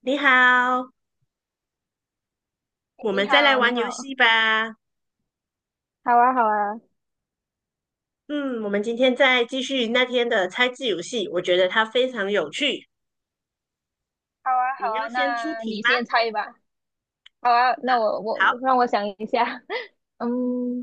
你好，我你们再来好，玩你游好，戏吧。好啊，好啊，嗯，我们今天再继续那天的猜字游戏，我觉得它非常有趣。好啊，你好要啊，先出那题你吗？先猜吧。好啊，啊，那我我好我让我想一下，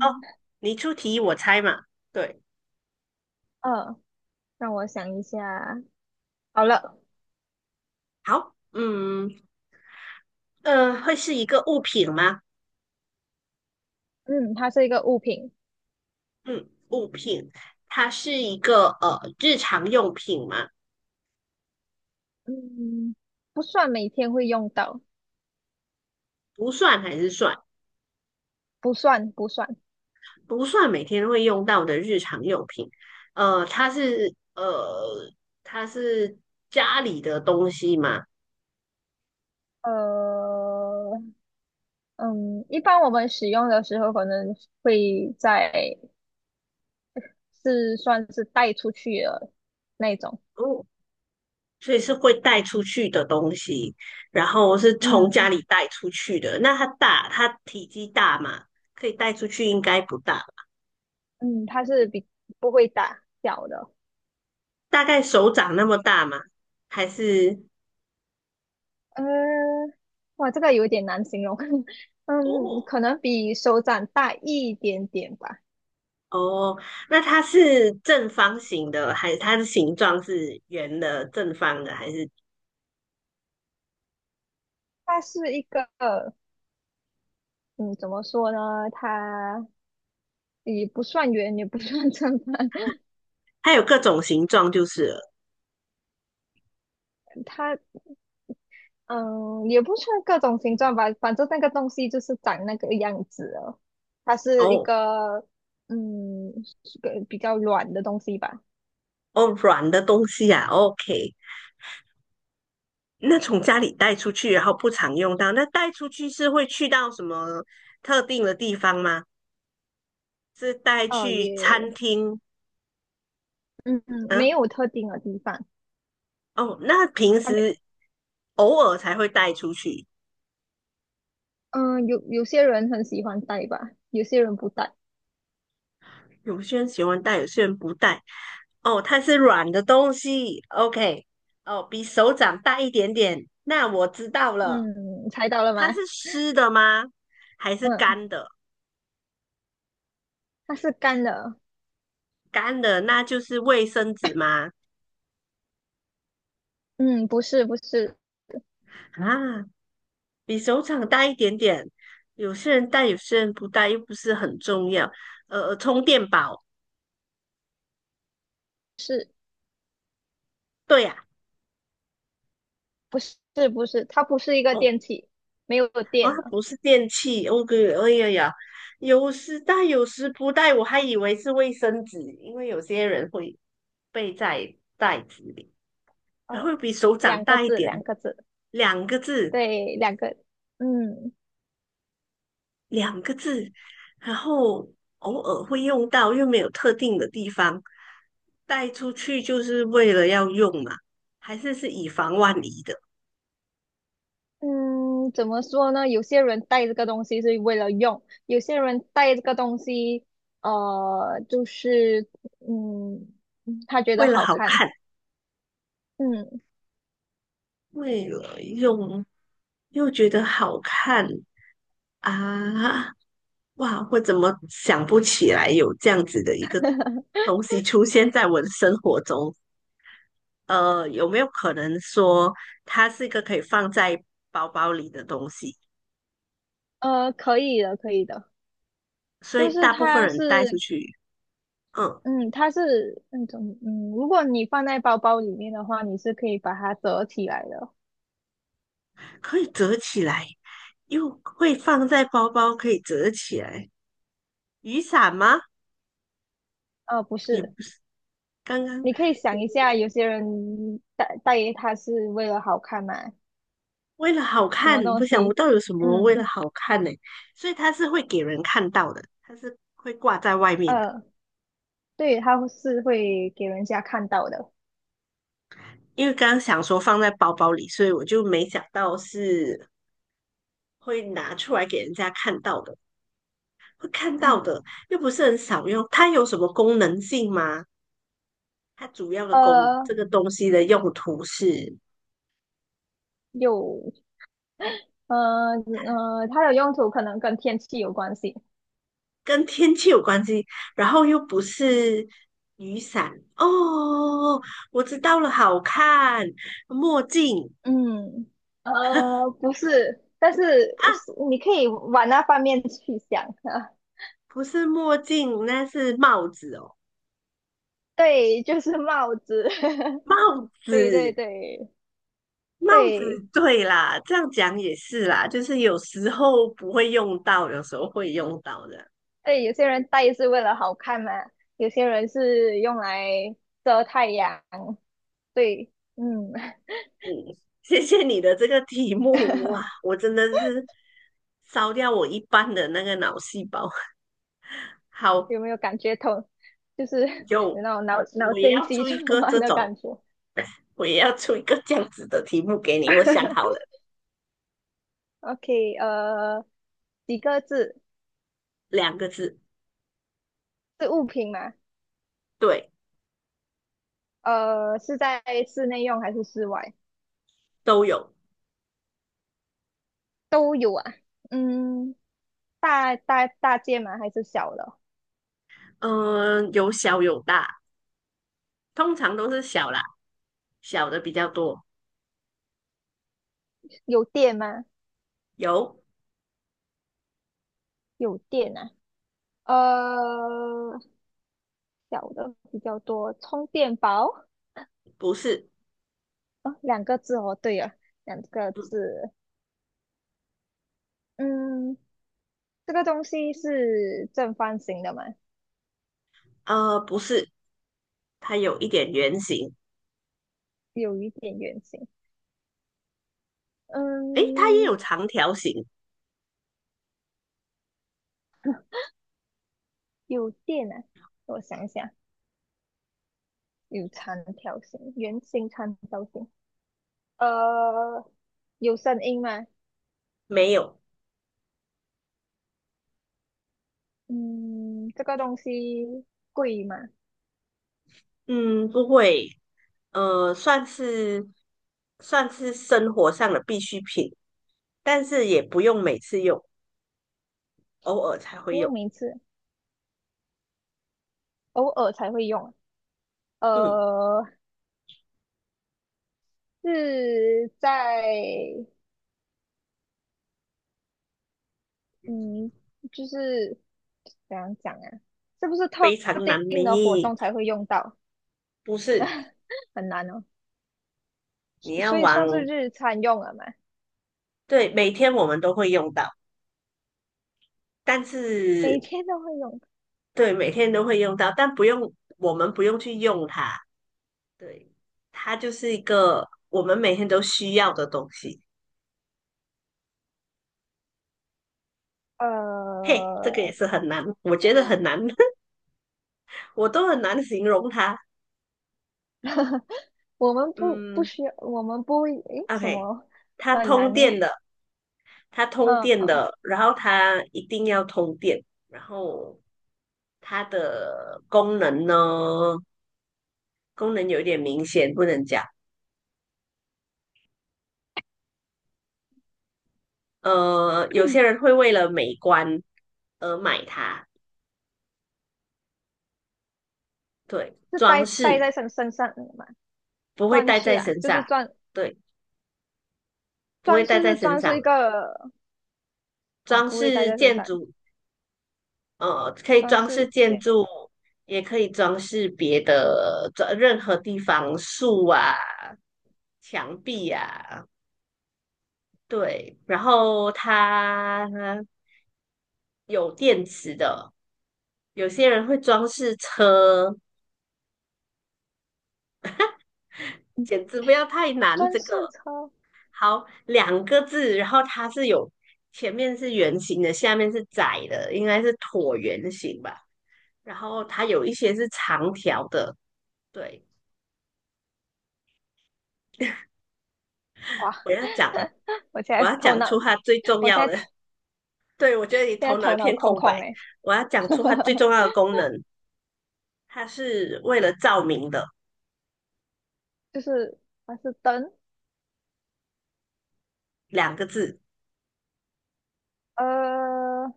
哦，你出题我猜嘛。对，呃，让我想一下，好了，好，会是一个物品吗？嗯，它是一个物品，嗯，物品，它是一个日常用品吗？嗯，不算每天会用到，不算还是算？不算不算，不算每天会用到的日常用品。呃，它是呃，它是家里的东西吗？呃，嗯，一般我们使用的时候可能会在是算是带出去的那种，哦，所以是会带出去的东西，然后是从家嗯里带出去的。那它大，它体积大吗？可以带出去应该不大，嗯，它是比不会打小的。大概手掌那么大吗？还是呃，哇，这个有点难形容，嗯，哦可能比手掌大一点点吧。哦，那它是正方形的，还是它的形状是圆的、正方的，还是它是一个，嗯，怎么说呢？它也不算圆，也不算正方，它有各种形状就是了。它，嗯，也不算各种形状吧。反正那个东西就是长那个样子了。它是一哦个，嗯，是个比较软的东西吧。哦软的东西啊？OK,那从家里带出去，然后不常用到，那带出去是会去到什么特定的地方吗？是带哦，去也餐厅？嗯，嗯，嗯，没有特定的地方，哦，那平他们时偶尔才会带出去，嗯，有有些人很喜欢戴吧，有些人不戴。有些人喜欢带，有些人不带。哦，它是软的东西，OK,哦，比手掌大一点点。那我知道了，嗯，猜到了吗？它是湿的吗？还是嗯，干的？它是干的。干的，那就是卫生纸吗？嗯，不是，不是，啊，比手掌大一点点。有些人带，有些人不带，又不是很重要。充电宝，对呀、不是，不是，它不是一个哦，电器，没有哦，电它了。不是电器。哦，对，哎呀呀，有时带，有时不带，我还以为是卫生纸，因为有些人会背在袋子里，然呃，后比手掌两个大一字，点，两个字，两个字，对，两个。嗯，两个字，然后偶尔会用到，又没有特定的地方，带出去就是为了要用嘛，还是是以防万一的，嗯，怎么说呢？有些人带这个东西是为了用，有些人带这个东西，就是嗯，他觉为得了好好看，看，嗯，为了用，又觉得好看啊，哇，我怎么想不起来有这样子的一个东西出现在我的生活中？有没有可能说它是一个可以放在包包里的东西？可以的，可以的，所以就是大部分它人带出是，去嗯，嗯，它是那种，嗯，如果你放在包包里面的话，你是可以把它折起来的，可以折起来，又会放在包包，可以折起来。雨伞吗？呃，不也是，不是，刚刚你可以想一下，有些人带它是为了好看嘛，为了好什看，么东不想不西，到有什么为了嗯，好看呢、所以它是会给人看到的，它是会挂在外面的。呃。对，它是会给人家看到的。因为刚刚想说放在包包里，所以我就没想到是会拿出来给人家看到的，会看到的，又不是很少用。它有什么功能性吗？它主要的功，呃，这个东西的用途是有，它的用途可能跟天气有关系。跟天气有关系，然后又不是雨伞哦，我知道了，好看，墨镜嗯，呃，不是，但是啊，是你可以往那方面去想啊。不是墨镜，那是帽子哦，对，就是帽子。帽对对子，对帽子，对对啦，这样讲也是啦，就是有时候不会用到，有时候会用到的，对，有些人戴是为了好看嘛，有些人是用来遮太阳。对，嗯。嗯，谢谢你的这个题目，哇，我真的是烧掉我一半的那个脑细胞，好，有没有感觉头，就是有有，那种脑脑我也筋要急做一转个弯这的种。感觉我也要出一个这样子的题目给你。我想好了，？OK，几个字两个字，是物品吗？对，呃，是在室内用还是室外？都有。都有啊。嗯，大件吗？还是小的？有小有大，通常都是小啦，小的比较多。有电吗？有，有电啊。呃，小的比较多，充电宝。不是，哦，两个字哦，对了，两个嗯，字。嗯，这个东西是正方形的吗？不是，它有一点圆形，有一点圆形。诶，它也嗯，有长条形，有电啊，我想想，有长条形、圆形、长条形，呃，有声音吗？没有，嗯，这个东西贵吗？嗯，不会，呃，算是算是生活上的必需品，但是也不用每次用，偶尔才不会用用，每次，偶尔才会用。嗯，呃，是在嗯，就是怎样讲啊？是不是特非常难定的活迷，动才会用到？不是。很难哦，所你要所以玩，算是日常用了嘛，对，每天我们都会用到，但每是天都会用。对，每天都会用到，但不用，我们不用去用它，对，它就是一个我们每天都需要的东西。嘿，这个也呃，是很难，我觉得很难，我都很难形容它。我们不嗯需要，我们不会，诶，什，OK,么它很通难电的，呢？嗯，然后它一定要通电，然后它的功能呢，功能有一点明显，不能讲。有些人 会为了美观而买它，对，是装戴饰在身上的嘛？不会装戴饰在啊，身就是上，装对，不会装戴饰在是身装饰上一的个，哦，装不会戴饰在身建上，筑，可以装装饰饰建件，筑，也可以装饰别的装任何地方，树啊、墙壁啊，对，然后它有电池的，有些人会装饰车，简直不要太难，装这个饰车，好，两个字，然后它是有前面是圆形的，下面是窄的，应该是椭圆形吧。然后它有一些是长条的。对，哇，我要讲，我现我在要头讲脑，出它最重我现要在的。头 对，我觉得现你在头脑一头脑片空空白。空诶，我要讲出它最重要 的功能，它是为了照明的，就是它是灯，两个字。呃，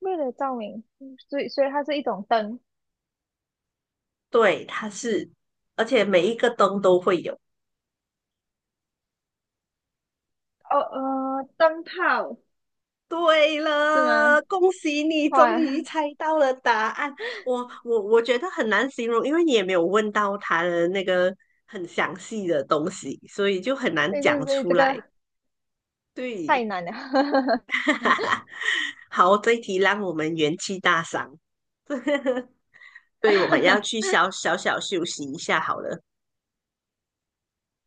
为了照明，所以所以它是一种灯，对，它是，而且每一个灯都会有。哦呃，灯泡对是吗？了，恭喜你终哇。于猜到了答案。我觉得很难形容，因为你也没有问到他的那个很详细的东西，所以就很难对讲对对，出这来。个对，太难了，好，这一题让我们元气大伤。对，我们要去 小休息一下好了，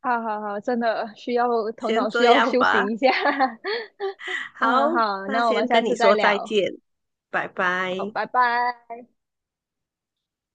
好好好，真的需要头先脑需这要样休息吧。一下。嗯，好，好，那那我们先下跟你次再说再聊，见，拜好，拜。拜拜。